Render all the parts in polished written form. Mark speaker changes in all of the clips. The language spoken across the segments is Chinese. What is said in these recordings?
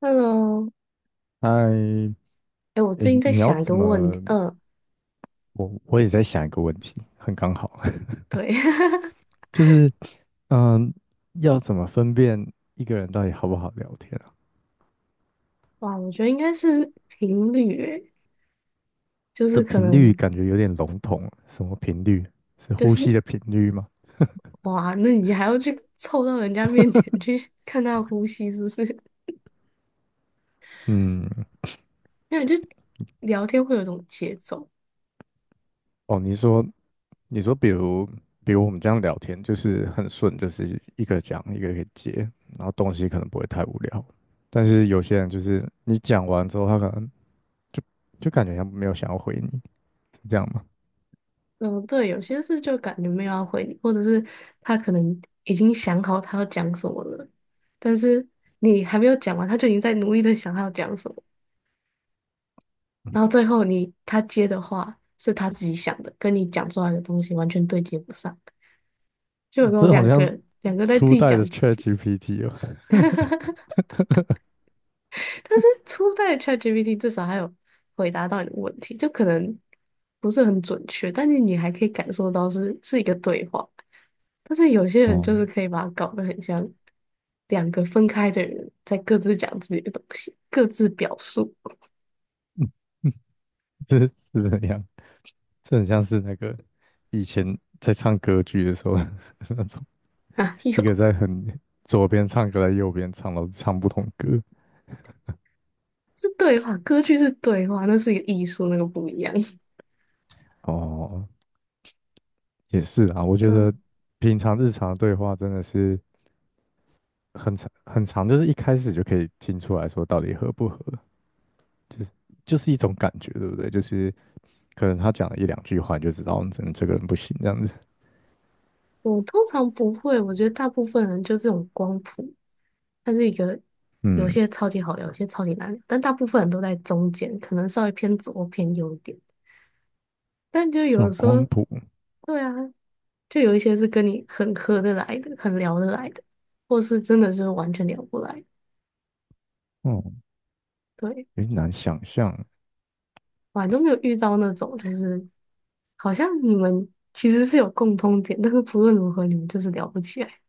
Speaker 1: Hello，
Speaker 2: 嗨
Speaker 1: 哎，我
Speaker 2: 诶，
Speaker 1: 最近在
Speaker 2: 你要
Speaker 1: 想一
Speaker 2: 怎
Speaker 1: 个问题，
Speaker 2: 么？
Speaker 1: 嗯，
Speaker 2: 我也在想一个问题，很刚好，
Speaker 1: 对，
Speaker 2: 就是嗯，要怎么分辨一个人到底好不好聊天啊？
Speaker 1: 哇，我觉得应该是频率，哎，就是
Speaker 2: 这
Speaker 1: 可
Speaker 2: 频率
Speaker 1: 能
Speaker 2: 感觉有点笼统，什么频率？是
Speaker 1: 就
Speaker 2: 呼
Speaker 1: 是
Speaker 2: 吸的频率吗？
Speaker 1: 哇，那你还要去凑到人家面前去看他的呼吸，是不是？
Speaker 2: 嗯，
Speaker 1: 因为就聊天会有一种节奏。
Speaker 2: 哦，你说，比如我们这样聊天，就是很顺，就是一个讲一个给接，然后东西可能不会太无聊，但是有些人就是你讲完之后，他可能就就感觉像没有想要回你，是这样吗？
Speaker 1: 嗯，对，有些事就感觉没有要回你，或者是他可能已经想好他要讲什么了，但是你还没有讲完，他就已经在努力的想他要讲什么。然后最后你他接的话是他自己想的，跟你讲出来的东西完全对接不上，就有那种
Speaker 2: 这好
Speaker 1: 两
Speaker 2: 像
Speaker 1: 个两个在自
Speaker 2: 初
Speaker 1: 己
Speaker 2: 代的
Speaker 1: 讲自己。
Speaker 2: ChatGPT。
Speaker 1: 但是初代的 ChatGPT 至少还有回答到你的问题，就可能不是很准确，但是你还可以感受到是一个对话。但是有些人就
Speaker 2: 哦，
Speaker 1: 是可以把它搞得很像两个分开的人在各自讲自己的东西，各自表述。
Speaker 2: 哦 这是怎样？这很像是那个以前在唱歌剧的时候 那种，
Speaker 1: 啊，
Speaker 2: 一个
Speaker 1: 有，
Speaker 2: 在很左边唱，歌，个在右边唱，然后唱不同歌。
Speaker 1: 是对话，歌剧是对话，那是一个艺术，那个不一样。
Speaker 2: 哦，也是啊，我 觉
Speaker 1: 对，
Speaker 2: 得平常日常的对话真的是很长很长，就是一开始就可以听出来说到底合不合，就是就是一种感觉，对不对？就是可能他讲了一两句话，你就知道嗯这个人不行这样子。
Speaker 1: 我通常不会，我觉得大部分人就这种光谱，它是一个有
Speaker 2: 嗯，
Speaker 1: 些超级好聊，有些超级难聊，但大部分人都在中间，可能稍微偏左或偏右一点。但就
Speaker 2: 这
Speaker 1: 有的
Speaker 2: 种
Speaker 1: 时
Speaker 2: 光
Speaker 1: 候，
Speaker 2: 谱。
Speaker 1: 对啊，就有一些是跟你很合得来的，很聊得来的，或是真的是完全聊不来。
Speaker 2: 嗯，
Speaker 1: 对，
Speaker 2: 有点难想象。
Speaker 1: 我还都没有遇到那种，就是好像你们其实是有共通点，但是不论如何你们就是聊不起来。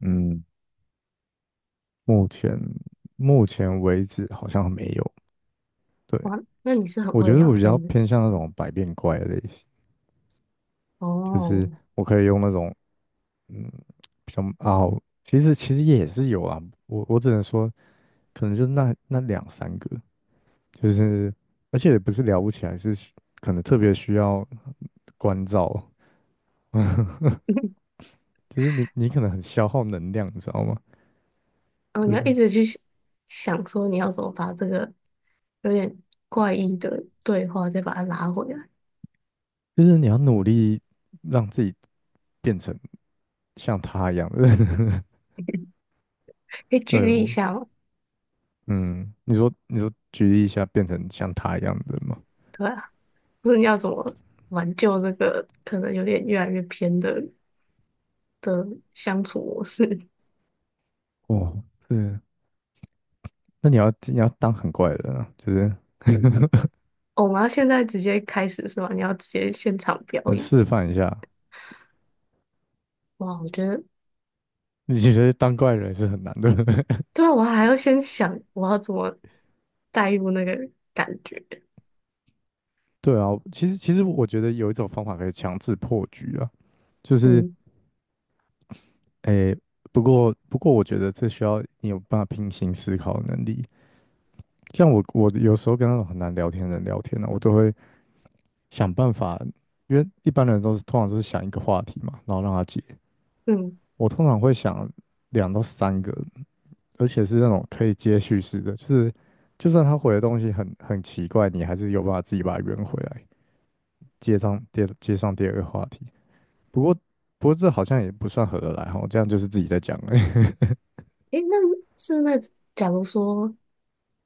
Speaker 2: 嗯，目前目前为止好像没有。对，
Speaker 1: 哇，那你是很
Speaker 2: 我
Speaker 1: 会
Speaker 2: 觉得
Speaker 1: 聊
Speaker 2: 我比较
Speaker 1: 天的
Speaker 2: 偏向那种百变怪的类型，就是
Speaker 1: 哦。
Speaker 2: 我可以用那种嗯比较啊，其实也是有啊。我只能说，可能就那两三个，就是而且也不是聊不起来，是可能特别需要关照，就是你可能很消耗能量，你知道吗？
Speaker 1: 哦，你
Speaker 2: 对，
Speaker 1: 要一直去想想说你要怎么把这个有点怪异的对话再把它拉回来，
Speaker 2: 就是你要努力让自己变成。像他一样的人。
Speaker 1: 可以举
Speaker 2: 对，
Speaker 1: 例一
Speaker 2: 我，
Speaker 1: 下吗？
Speaker 2: 嗯，你说举例一下，变成像他一样的人吗？
Speaker 1: 对啊，或者你要怎么挽救这个可能有点越来越偏的的相处模式？
Speaker 2: 哦，是，那你要当很怪的人啊，就是
Speaker 1: 哦，我们要现在直接开始是吗？你要直接现场表演？
Speaker 2: 示范一下。
Speaker 1: 哇，我觉得
Speaker 2: 你觉得当怪人是很难的？
Speaker 1: 对啊，我还要先想我要怎么带入那个感觉。
Speaker 2: 对啊，其实我觉得有一种方法可以强制破局啊，就是
Speaker 1: 嗯
Speaker 2: 诶，不过我觉得这需要你有办法平行思考的能力。像我有时候跟那种很难聊天的人聊天呢、我都会想办法，因为一般人都是通常都是想一个话题嘛，然后让他接。
Speaker 1: 嗯，
Speaker 2: 我通常会想两到三个，而且是那种可以接续式的，就是就算他回的东西很很奇怪，你还是有办法自己把它圆回来，接上第二个话题。不过不过这好像也不算合得来哈，这样就是自己在讲而已。
Speaker 1: 诶，那是那假如说，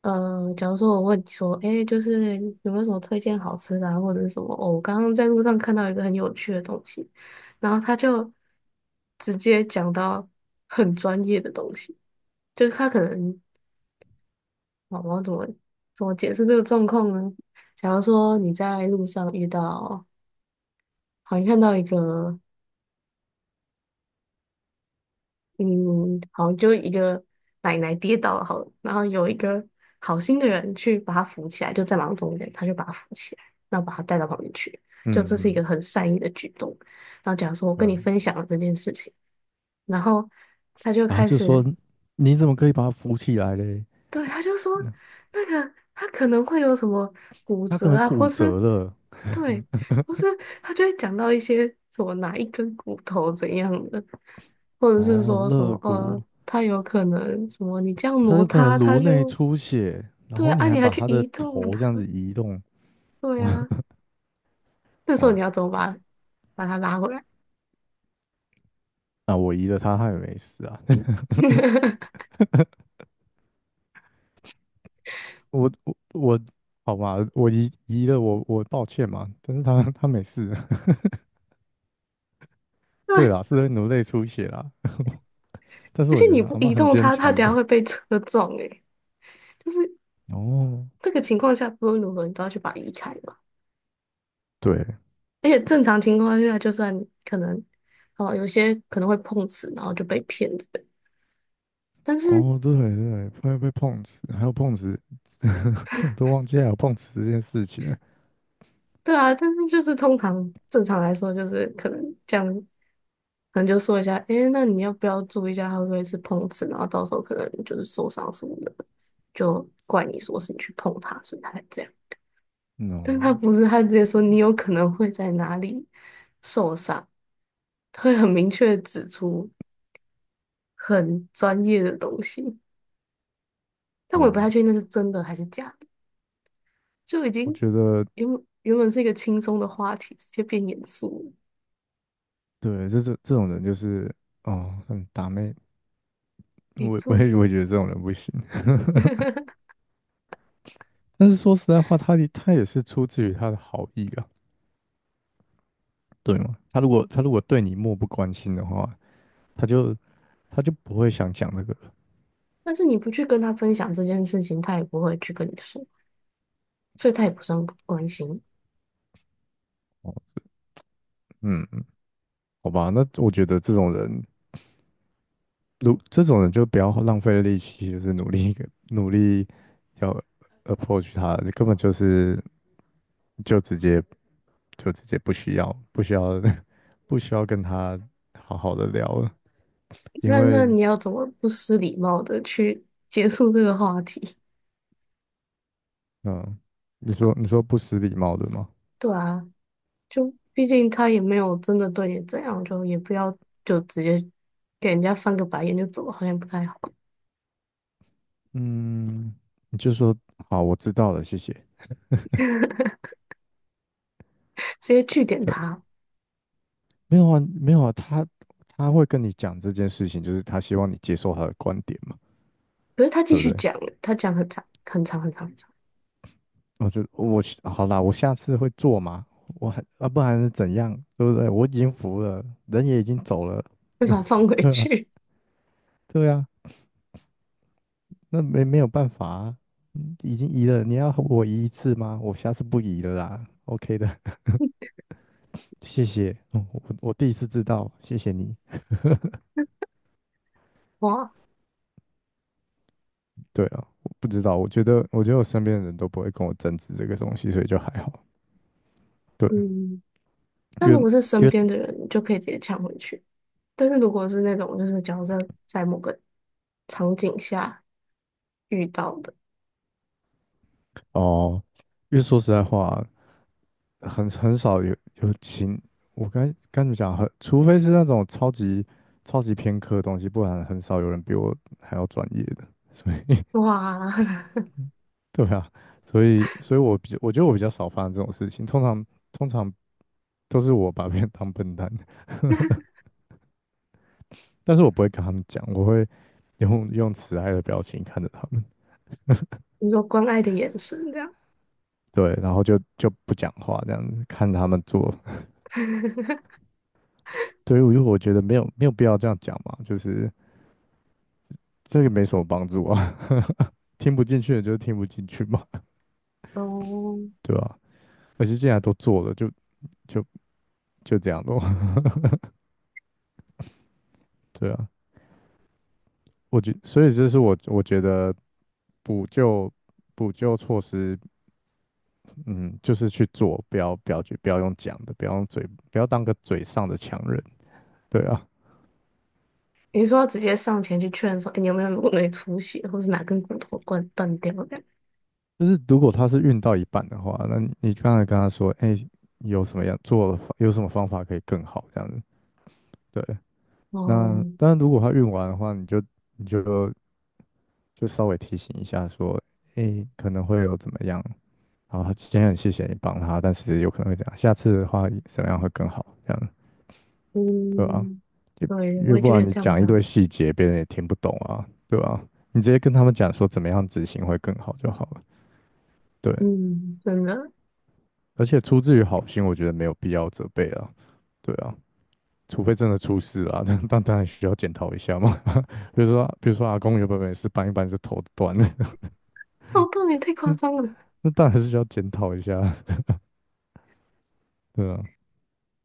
Speaker 1: 假如说我问你说，诶，就是有没有什么推荐好吃的啊，或者是什么？哦我刚刚在路上看到一个很有趣的东西，然后他就直接讲到很专业的东西，就是他可能，我要怎么怎么解释这个状况呢？假如说你在路上遇到，好，像看到一个。嗯，好，就一个奶奶跌倒了，好了然后有一个好心的人去把她扶起来，就在马路中间，他就把她扶起来，然后把她带到旁边去，就这
Speaker 2: 嗯
Speaker 1: 是一个
Speaker 2: 嗯，
Speaker 1: 很善意的举动。然后假如说，我跟你
Speaker 2: 对。
Speaker 1: 分享了这件事情，然后他就
Speaker 2: 然后
Speaker 1: 开
Speaker 2: 就说
Speaker 1: 始
Speaker 2: 你怎么可以把他扶起来嘞？
Speaker 1: 对，他就说
Speaker 2: 那
Speaker 1: 那个他可能会有什么骨
Speaker 2: 他可
Speaker 1: 折
Speaker 2: 能
Speaker 1: 啊，
Speaker 2: 骨
Speaker 1: 或是
Speaker 2: 折了，
Speaker 1: 对，或是他就会讲到一些什么哪一根骨头怎样的，或者是
Speaker 2: 哦，
Speaker 1: 说什
Speaker 2: 肋
Speaker 1: 么
Speaker 2: 骨，
Speaker 1: 他有可能什么你这样
Speaker 2: 他
Speaker 1: 挪
Speaker 2: 有可能
Speaker 1: 他，他
Speaker 2: 颅内
Speaker 1: 就
Speaker 2: 出血，然
Speaker 1: 对
Speaker 2: 后
Speaker 1: 啊，
Speaker 2: 你
Speaker 1: 啊
Speaker 2: 还
Speaker 1: 你还
Speaker 2: 把
Speaker 1: 去
Speaker 2: 他的
Speaker 1: 移动
Speaker 2: 头
Speaker 1: 他，
Speaker 2: 这样子移动，
Speaker 1: 对啊，那时候
Speaker 2: 哇，
Speaker 1: 你要怎么把把他拉回来？
Speaker 2: 那我移了他，他也没事啊。我，好吧，我移了我抱歉嘛，但是他没事，
Speaker 1: 对，
Speaker 2: 对啦，是在努力出血啦，但是
Speaker 1: 而
Speaker 2: 我
Speaker 1: 且
Speaker 2: 觉
Speaker 1: 你
Speaker 2: 得
Speaker 1: 不
Speaker 2: 阿嬷
Speaker 1: 移
Speaker 2: 很
Speaker 1: 动
Speaker 2: 坚
Speaker 1: 他，他
Speaker 2: 强
Speaker 1: 等下
Speaker 2: 的。
Speaker 1: 会被车撞诶、就是
Speaker 2: 哦，
Speaker 1: 这个情况下，不论如何你都要去把他移开嘛。
Speaker 2: 对，
Speaker 1: 而且正常情况下，就算可能，哦，有些可能会碰瓷，然后就被骗之类但是，
Speaker 2: 哦对对，会被碰瓷，还有碰瓷，我都忘记还有碰瓷这件事情了。
Speaker 1: 对啊，但是就是通常正常来说，就是可能这样，可能就说一下，诶，那你要不要注意一下，他会不会是碰瓷？然后到时候可能就是受伤什么的，就怪你说是你去碰他，所以他才这样。但他
Speaker 2: No,
Speaker 1: 不是，他直接说你有可能会在哪里受伤，他会很明确的指出很专业的东西。但我也不
Speaker 2: 嗯，
Speaker 1: 太确定那是真的还是假的，就已
Speaker 2: 我
Speaker 1: 经
Speaker 2: 觉得
Speaker 1: 原本是一个轻松的话题，直接变严肃了。
Speaker 2: 对，这种人就是哦，很打妹，
Speaker 1: 没
Speaker 2: 我我
Speaker 1: 错，
Speaker 2: 也我也觉得这种人不行。但是说实在话，他也是出自于他的好意啊，对吗？他如果他如果对你漠不关心的话。他就他就不会想讲这个了。
Speaker 1: 但是你不去跟他分享这件事情，他也不会去跟你说，所以他也不算不关心。
Speaker 2: 哦，嗯，好吧，那我觉得这种人，如这种人就不要浪费力气，就是努力努力要 approach 他，你根本就是就直接就直接不需要 不需要跟他好好的聊了，因
Speaker 1: 那那
Speaker 2: 为
Speaker 1: 你要怎么不失礼貌的去结束这个话题？
Speaker 2: 嗯，你说不失礼貌的吗？
Speaker 1: 对啊，就毕竟他也没有真的对你怎样，就也不要就直接给人家翻个白眼就走，好像不太好，
Speaker 2: 嗯，你就说好，我知道了，谢谢。
Speaker 1: 直接拒点
Speaker 2: 对。
Speaker 1: 他。
Speaker 2: 没有啊，没有啊，他他会跟你讲这件事情，就是他希望你接受他的观点嘛，
Speaker 1: 可是他继
Speaker 2: 对不
Speaker 1: 续
Speaker 2: 对？
Speaker 1: 讲，他讲很长很长很长很长。
Speaker 2: 我好啦，我下次会做嘛，我还啊，不然是怎样，对不对？我已经服了，人也已经走了，
Speaker 1: 会把它放回
Speaker 2: 对啊，
Speaker 1: 去。
Speaker 2: 对啊，那没有办法啊，嗯已经移了，你要我移一次吗？我下次不移了啦，OK 的，谢谢，嗯我第一次知道，谢谢你。
Speaker 1: 哇，
Speaker 2: 对啊，我不知道，我觉得我身边的人都不会跟我争执这个东西，所以就还好。对。
Speaker 1: 嗯，那
Speaker 2: 因
Speaker 1: 如
Speaker 2: 为
Speaker 1: 果是
Speaker 2: 因
Speaker 1: 身
Speaker 2: 为
Speaker 1: 边的人，你就可以直接抢回去。但是如果是那种就是假设在某个场景下遇到的，
Speaker 2: 哦，因为说实在话，很少有，我该怎么讲？很，除非是那种超级偏科的东西，不然很少有人比我还要专业的。所以，
Speaker 1: 哇，
Speaker 2: 对啊，所以我觉得我比较少发生这种事情。通常都是我把别人当笨蛋，但是我不会跟他们讲，我会用慈爱的表情看着他们，
Speaker 1: 你说关爱的眼神这样，
Speaker 2: 对，然后就不讲话这样子，看他们做。对，于我觉得没有没有必要这样讲嘛，就是。这个没什么帮助啊，听不进去的就是听不进去嘛，
Speaker 1: 哦，
Speaker 2: 对吧、而且既然都做了，就就这样咯，对啊，我觉，所以这是我觉得补救补救措施，嗯，就是去做，不要去不要用讲的，不要用嘴，不要当个嘴上的强人，对啊，
Speaker 1: 你说要直接上前去劝说，哎、你有没有颅内出血，或是哪根骨头断掉的？
Speaker 2: 就是如果他是运到一半的话，那你刚才跟他说，哎、有什么方法可以更好这样子，对，那
Speaker 1: 哦，
Speaker 2: 当然如果他运完的话，你就就稍微提醒一下说，诶，可能会有怎么样，然后今天很谢谢你帮他，但是有可能会这样，下次的话怎么样会更好，这样对吧？
Speaker 1: 嗯，
Speaker 2: 就
Speaker 1: 对，
Speaker 2: 因
Speaker 1: 我
Speaker 2: 为
Speaker 1: 也
Speaker 2: 不
Speaker 1: 觉
Speaker 2: 然
Speaker 1: 得
Speaker 2: 你
Speaker 1: 这样比
Speaker 2: 讲
Speaker 1: 较
Speaker 2: 一堆
Speaker 1: 好，
Speaker 2: 细节，别人也听不懂啊，对吧？你直接跟他们讲说怎么样执行会更好就好了，对。
Speaker 1: 嗯，真的，
Speaker 2: 而且出自于好心，我觉得没有必要责备啊，对啊，除非真的出事啊，但当然需要检讨一下嘛。比如说，比如说阿公原本没事，搬一搬就头断了，
Speaker 1: 哦，不你太 夸
Speaker 2: 那
Speaker 1: 张了，
Speaker 2: 那当然是需要检讨一下啊，对啊。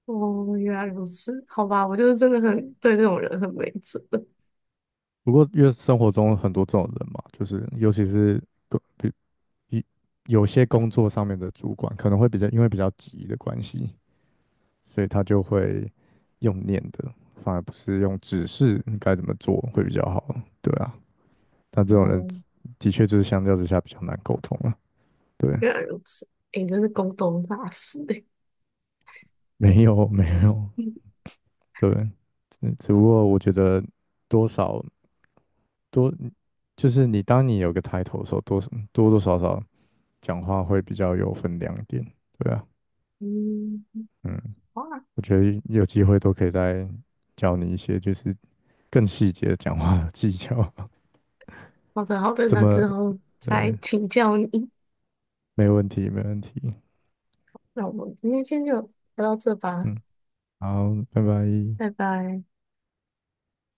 Speaker 1: 哦，原来如此，好吧，我就是真的很对这种人很没辙。
Speaker 2: 不过，因为生活中很多这种人嘛，就是尤其是工，比一有些工作上面的主管可能会比较，因为比较急的关系，所以他就会用念的，反而不是用指示你该怎么做会比较好。对啊，但这种人
Speaker 1: 哦，
Speaker 2: 的确就是相较之下比较难沟通了。对，
Speaker 1: 原来如此，诶，你真是沟通大师诶。
Speaker 2: 没有没有，对，只不过我觉得多少多，就是你当你有个抬头的时候，多多少少讲话会比较有分量一点，对啊，
Speaker 1: 嗯，
Speaker 2: 嗯，
Speaker 1: 好啊，
Speaker 2: 我觉得有机会都可以再教你一些就是更细节的讲话的技巧，
Speaker 1: 好的好 的，
Speaker 2: 怎
Speaker 1: 那
Speaker 2: 么，
Speaker 1: 之后再
Speaker 2: 呃，
Speaker 1: 请教你。
Speaker 2: 没问题，没问题，
Speaker 1: 那我们今天先就聊到这吧，
Speaker 2: 嗯，好，拜拜。
Speaker 1: 拜拜。